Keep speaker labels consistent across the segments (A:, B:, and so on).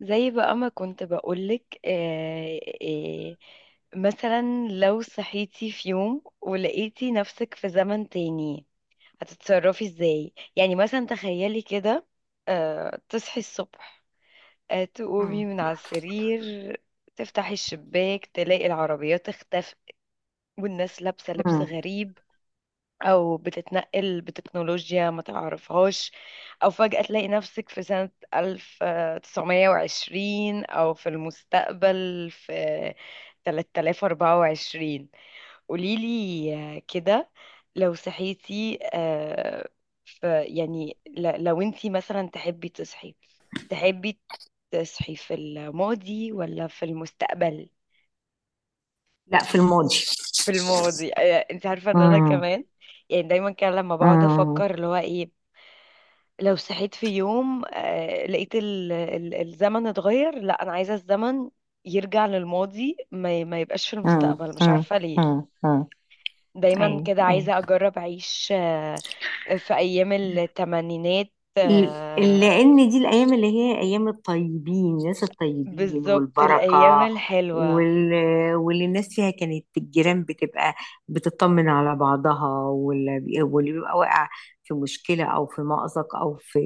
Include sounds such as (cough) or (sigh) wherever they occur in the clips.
A: زي بقى ما كنت بقولك مثلا لو صحيتي في يوم ولقيتي نفسك في زمن تاني هتتصرفي ازاي؟ يعني مثلا تخيلي كده. تصحي الصبح، تقومي
B: مم.
A: من على السرير، تفتحي الشباك تلاقي العربيات اختفت والناس لابسة لبس
B: مم.
A: غريب، او بتتنقل بتكنولوجيا ما تعرفهاش، او فجأة تلاقي نفسك في سنة 1920 او في المستقبل في 3024. قوليلي كده، لو صحيتي في يعني لو انتي مثلا تحبي تصحي، تحبي تصحي في الماضي ولا في المستقبل؟
B: لا، في الماضي.
A: في الماضي. آه، انت عارفة ان انا
B: مم.
A: كمان يعني دايما كان لما بقعد
B: مم.
A: افكر اللي هو ايه، لو صحيت في يوم لقيت الزمن اتغير، لا انا عايزه الزمن يرجع للماضي، ما يبقاش في
B: مم.
A: المستقبل، مش
B: مم.
A: عارفه ليه.
B: مم. مم.
A: دايما
B: ايوه،
A: كده
B: ايوه.
A: عايزه اجرب اعيش في ايام الثمانينات،
B: ل- لأن دي الأيام اللي هي أيام الطيبين، الناس الطيبين
A: بالظبط الايام
B: والبركة،
A: الحلوه.
B: وال... واللي الناس فيها كانت الجيران بتبقى بتطمن على بعضها، واللي بيبقى واقع في مشكلة أو في مأزق أو في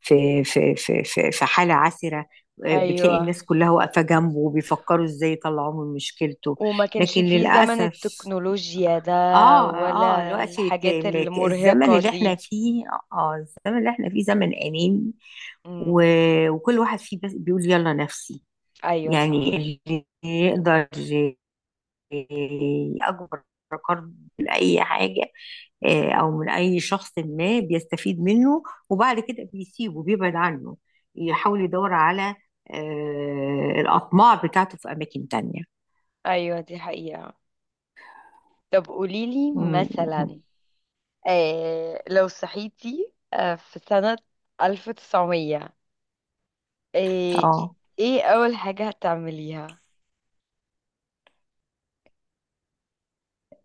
B: في حالة عسرة، بتلاقي
A: ايوه،
B: الناس كلها واقفة جنبه وبيفكروا إزاي يطلعوه من مشكلته.
A: وما كانش
B: لكن
A: فيه زمن
B: للأسف،
A: التكنولوجيا ده
B: اه، اه،
A: ولا
B: دلوقتي
A: الحاجات
B: الزمن
A: المرهقه
B: اللي احنا
A: دي.
B: فيه، اه، الزمن اللي احنا فيه زمن اناني.
A: مم.
B: و... وكل واحد فيه بس بيقول يلا نفسي.
A: ايوه
B: يعني
A: صح.
B: اللي يقدر يأجر من اي حاجه، او من اي شخص، ما بيستفيد منه وبعد كده بيسيبه، بيبعد عنه، يحاول يدور على الاطماع بتاعته في اماكن تانية.
A: ايوه دي حقيقه. طب قوليلي
B: م- م-
A: مثلا، آه لو صحيتي آه في سنة 1900، آه
B: اه،
A: ايه أول حاجة هتعمليها؟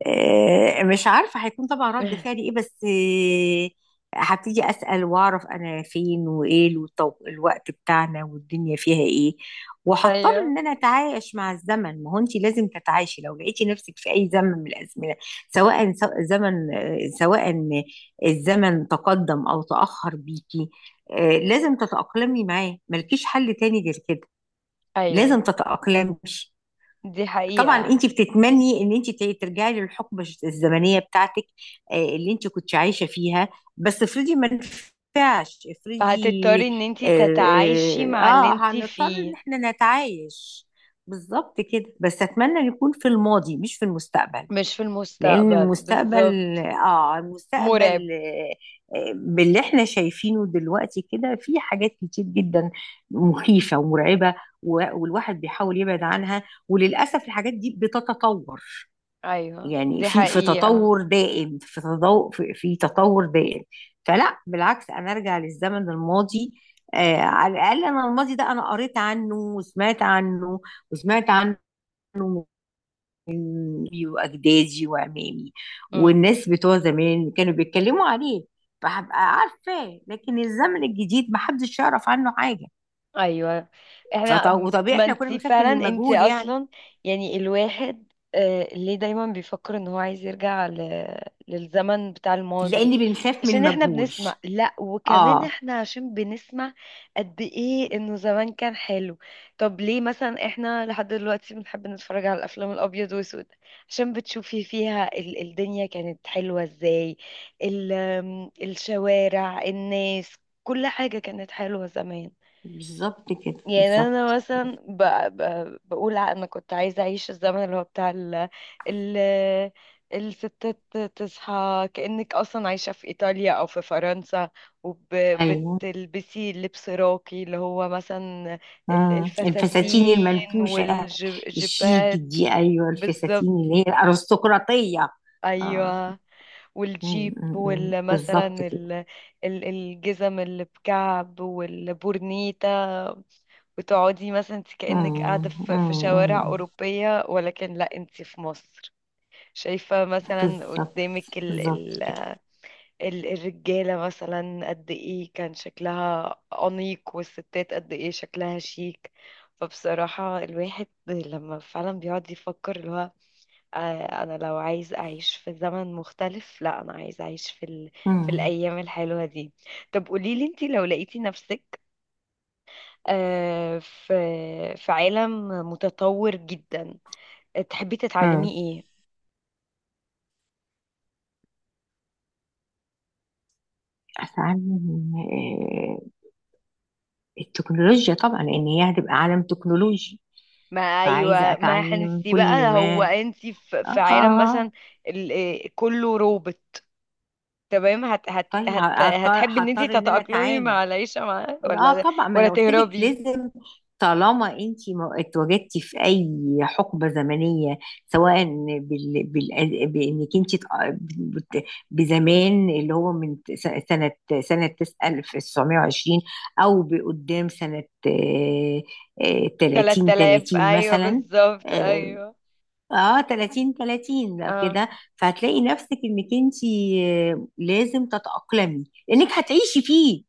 B: مش عارفة هيكون طبعا رد فعلي ايه،
A: (laughs)
B: بس هبتدي أسأل وأعرف أنا فين وإيه الوقت بتاعنا والدنيا فيها إيه، وهضطر
A: ايوه
B: إن أنا أتعايش مع الزمن. ما هو أنت لازم تتعايشي لو لقيتي نفسك في أي زمن من الأزمنة. سواء زمن، سواء الزمن تقدم أو تأخر بيكي، لازم تتأقلمي معاه، ملكيش حل تاني غير كده.
A: ايوه
B: لازم تتأقلمي.
A: دي
B: طبعا
A: حقيقة.
B: انت بتتمني ان انت ترجعي للحقبه الزمنيه بتاعتك، اللي انت كنت عايشه فيها، بس افرضي ما نفعش، افرضي.
A: فهتضطري ان انتي تتعايشي
B: اه, آه،
A: مع اللي انتي
B: هنضطر ان
A: فيه.
B: احنا نتعايش بالظبط كده، بس اتمنى نكون في الماضي مش في المستقبل.
A: مش في
B: لان
A: المستقبل
B: المستقبل،
A: بالظبط،
B: اه،
A: مرعب.
B: المستقبل، باللي احنا شايفينه دلوقتي كده، في حاجات كتير جدا مخيفة ومرعبة، والواحد بيحاول يبعد عنها، وللأسف الحاجات دي بتتطور.
A: ايوه
B: يعني
A: دي
B: في
A: حقيقة.
B: تطور دائم، في تطور، في تطور دائم. فلا، بالعكس، انا ارجع للزمن الماضي. آه، على الاقل انا الماضي ده انا قريت عنه وسمعت عنه، وسمعت عنه أمي واجدادي وعمامي والناس بتوع زمان كانوا بيتكلموا عليه، فهبقى عارفاه. لكن الزمن الجديد محدش يعرف عنه حاجه.
A: ايوه. احنا،
B: وطبيعي
A: ما
B: احنا كنا
A: انت
B: بنخاف
A: فعلا
B: من
A: انت
B: المجهول يعني،
A: اصلا يعني الواحد ليه دايما بيفكر ان هو عايز يرجع للزمن بتاع الماضي؟
B: لان بنخاف من
A: عشان احنا
B: المجهول.
A: بنسمع، لا وكمان
B: اه،
A: احنا عشان بنسمع قد ايه انه زمان كان حلو. طب ليه مثلا احنا لحد دلوقتي بنحب نتفرج على الافلام الابيض واسود؟ عشان بتشوفي فيها الدنيا كانت حلوة ازاي، ال- آم، الشوارع، الناس، كل حاجة كانت حلوة زمان.
B: بالظبط كده،
A: يعني انا
B: بالظبط.
A: مثلا بقول انا كنت عايزه اعيش الزمن اللي هو بتاع ال... الستات، تصحى كأنك اصلا عايشه في ايطاليا او في فرنسا،
B: ايوه.
A: وبتلبسي لبس راقي اللي هو مثلا
B: مم. الفساتين
A: الفساتين
B: المنفوشه الشيك
A: والجيبات،
B: دي، ايوه، الفساتين
A: بالظبط.
B: اللي هي الارستقراطيه. اه.
A: ايوه، والجيب والمثلا
B: بالظبط كده.
A: الجزم اللي بكعب والبورنيتا، وتقعدي مثلا انت كأنك
B: مم،
A: قاعدة في
B: مم، مم.
A: شوارع أوروبية، ولكن لا انت في مصر. شايفة مثلا
B: بالظبط،
A: قدامك ال
B: بالظبط
A: ال
B: كده.
A: ال الرجالة مثلا قد ايه كان شكلها أنيق، والستات قد ايه شكلها شيك. فبصراحة الواحد لما فعلا بيقعد يفكر اللي هو، أنا لو عايز أعيش في زمن مختلف، لا أنا عايز أعيش في في
B: امم.
A: الأيام الحلوة دي. طب قوليلي انتي لو لقيتي نفسك في عالم متطور جدا، تحبي تتعلمي
B: امم.
A: ايه؟
B: اتعلم التكنولوجيا طبعا، لان هي هتبقى عالم تكنولوجي،
A: ما
B: فعايزه
A: ايوه ما
B: اتعلم
A: هنسي
B: كل
A: بقى، هو
B: ما.
A: انت في
B: اه،
A: عالم مثلا ال- كله روبوت، تمام هت هت
B: طيب
A: هت
B: هضطر
A: هتحبي ان انت
B: هضطر ان انا
A: تتأقلمي
B: اتعامل.
A: مع العيشة معاه
B: لا
A: ولا
B: طبعا، ما
A: ولا
B: انا قلت لك
A: تهربي؟
B: لازم. طالما انت اتواجدتي في اي حقبه زمنيه، سواء بانك انت بت- بزمان اللي هو من س- سنه سنه 1920، او بقدام سنه، 30
A: 3000
B: 30
A: ايوه
B: مثلا.
A: بالظبط.
B: اه،
A: ايوه
B: 30 بقى
A: اه.
B: كده. فهتلاقي نفسك انك انت، لازم تتاقلمي، لانك هتعيشي فيه.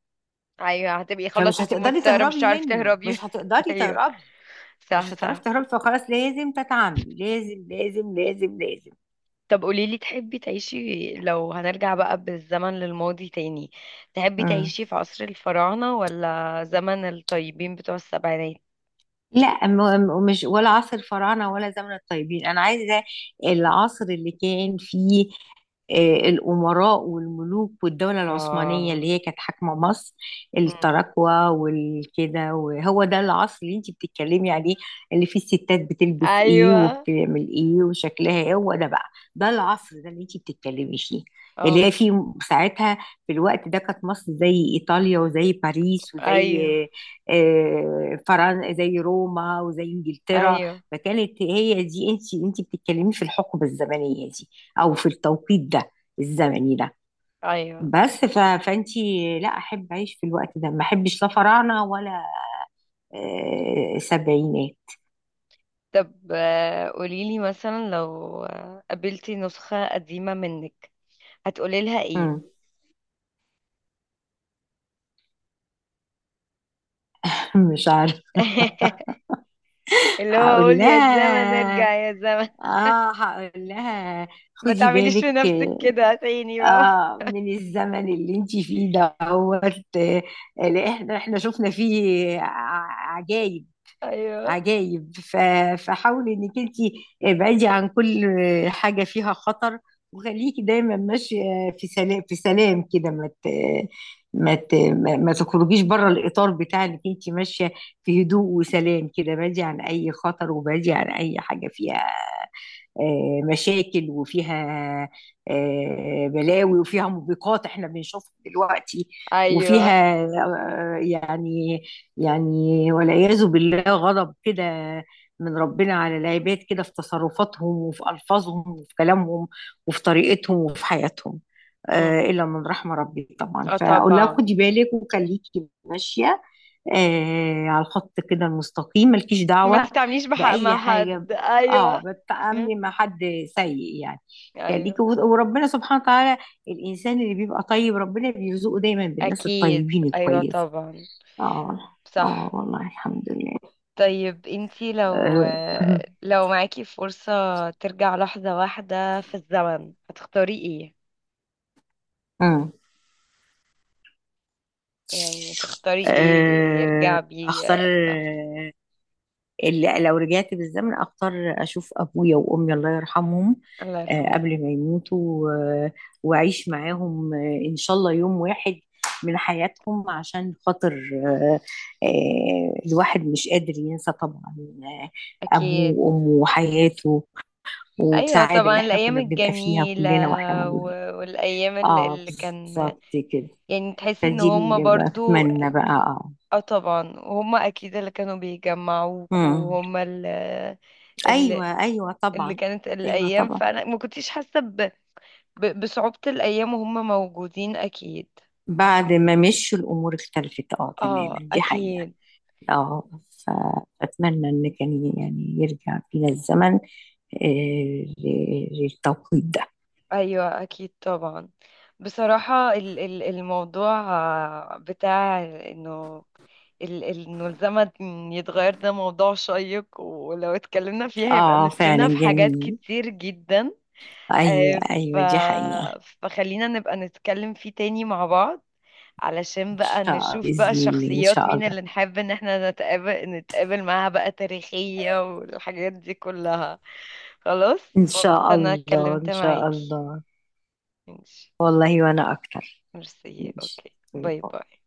A: ايوه هتبقي خلاص
B: فمش
A: انت
B: هتقدري
A: مضطرة، مش
B: تهربي
A: هتعرفي
B: منه،
A: تهربي.
B: مش
A: (laughs)
B: هتقدري
A: ايوه
B: تهربي،
A: صح
B: مش هتعرفي
A: صح.
B: تهربي، فخلاص لازم تتعاملي. لازم، لازم، لازم، لازم.
A: طب قوليلي، تحبي تعيشي، لو هنرجع بقى بالزمن للماضي تاني، تحبي
B: مم.
A: تعيشي في عصر الفراعنة ولا زمن الطيبين بتوع السبعينات؟
B: لا، مش ولا عصر الفراعنة ولا زمن الطيبين، أنا عايزة العصر اللي كان فيه الأمراء والملوك، والدولة العثمانية اللي
A: اه.
B: هي كانت حاكمة مصر،
A: مم.
B: التراكوة والكده. وهو ده العصر اللي انتي بتتكلمي عليه، اللي فيه الستات بتلبس ايه
A: ايوه.
B: وبتعمل ايه وشكلها ايه. هو ده بقى، ده العصر ده اللي انتي بتتكلمي فيه، اللي
A: اه.
B: هي فيه ساعتها. في الوقت ده كانت مصر زي إيطاليا وزي باريس وزي
A: ايوه
B: فرنسا، زي روما وزي انجلترا.
A: ايوه
B: فكانت هي دي، انت انت بتتكلمي في الحقبه الزمنيه دي او في التوقيت ده الزمني ده.
A: ايوه.
B: بس فانت، لا احب اعيش في الوقت ده، ما احبش لا فراعنه ولا سبعينات.
A: طب قوليلي مثلا لو قابلتي نسخة قديمة منك، هتقولي لها ايه؟
B: مم. (laughs) مش عارفه.
A: (laughs) اللي هو
B: هقول
A: اقول يا زمن
B: لها،
A: ارجع يا زمن،
B: اه، هقول لها
A: ما
B: خدي
A: تعمليش في
B: بالك،
A: نفسك كده تاني بقى.
B: آه، من الزمن اللي انتي فيه دوت، لأن احنا شفنا فيه عجايب،
A: (laughs) ايوه
B: عجايب. فحاولي انك انتي ابعدي عن كل حاجة فيها خطر، وخليكي دايما ماشية في سلام، في سلام كده. ما ت- ما ت- ما ما تخرجيش بره الإطار بتاع انك انتي ماشية في هدوء وسلام كده. بعدي عن أي خطر وبعدي عن أي حاجة فيها مشاكل، وفيها بلاوي، وفيها موبقات احنا بنشوفها دلوقتي،
A: ايوه.
B: وفيها يعني، يعني والعياذ بالله غضب كده من ربنا على العباد، كده في تصرفاتهم وفي ألفاظهم وفي كلامهم وفي طريقتهم وفي حياتهم، إلا من رحمة ربي طبعا.
A: اه
B: فأقول لها
A: طبعا.
B: خدي بالك وخليكي ماشية على الخط كده المستقيم، مالكيش
A: ما
B: دعوة
A: تتعامليش بحق
B: بأي
A: مع
B: حاجة.
A: حد،
B: اه،
A: ايوه.
B: بالتعاملي مع
A: (laughs)
B: حد سيء يعني. خليكي.
A: ايوه
B: وربنا سبحانه وتعالى الانسان اللي بيبقى طيب ربنا بيرزقه دايما بالناس
A: اكيد
B: الطيبين
A: ايوه
B: الكويسه.
A: طبعا.
B: اه. اه،
A: صح.
B: والله الحمد لله.
A: طيب انتي لو،
B: آه. (laughs)
A: لو معاكي فرصة ترجع لحظة واحدة في الزمن، هتختاري ايه؟
B: آه.
A: يعني تختاري ايه اللي يرجع بيه
B: اختار.
A: لحظة؟
B: اللي لو رجعت بالزمن اختار اشوف ابويا وامي، الله يرحمهم،
A: الله يرحمه.
B: قبل ما يموتوا، آه، واعيش معاهم ان شاء الله يوم واحد من حياتهم، عشان خاطر، الواحد مش قادر ينسى طبعا آه، أبوه
A: اكيد
B: وأمه وحياته
A: ايوه
B: والسعادة
A: طبعا،
B: اللي احنا
A: الايام
B: كنا بنبقى فيها
A: الجميلة،
B: كلنا واحنا موجودين.
A: والايام
B: اه،
A: اللي كان،
B: بالظبط كده.
A: يعني تحسي ان
B: فدي
A: هما
B: اللي
A: برضو.
B: بتمنى بقى. اه.
A: اه طبعا، وهم اكيد اللي كانوا بيجمعوك،
B: مم.
A: وهم اللي اللي,
B: ايوه، ايوه
A: اللي
B: طبعا.
A: كانت
B: ايوه
A: الايام،
B: طبعا،
A: فانا ما كنتش حاسه بصعوبه الايام وهم موجودين، اكيد.
B: بعد ما مشوا الامور اختلفت، اه، تماما،
A: اه
B: دي حقيقة.
A: اكيد.
B: اه، فاتمنى ان كان يعني يرجع بينا الزمن للتوقيت ده.
A: ايوه اكيد طبعا. بصراحه الموضوع بتاع انه انه الزمن يتغير، ده موضوع شيق، ولو اتكلمنا فيه هيبقى
B: اه، فعلا
A: نفسنا في حاجات
B: جميل.
A: كتير جدا.
B: ايوه،
A: آه، ف...
B: ايوه، دي حقيقة.
A: فخلينا نبقى نتكلم فيه تاني مع بعض، علشان
B: ان
A: بقى
B: شاء الله،
A: نشوف بقى
B: باذن الله، ان
A: الشخصيات
B: شاء
A: مين
B: الله.
A: اللي نحب ان احنا نتقابل معاها بقى، تاريخية والحاجات دي كلها. خلاص.
B: ان شاء
A: مبسوطة ان انا
B: الله،
A: اتكلمت
B: ان شاء
A: معاكي،
B: الله.
A: ماشي.
B: والله وانا اكتر.
A: ميرسي،
B: ماشي.
A: اوكي،
B: طيب.
A: باي باي.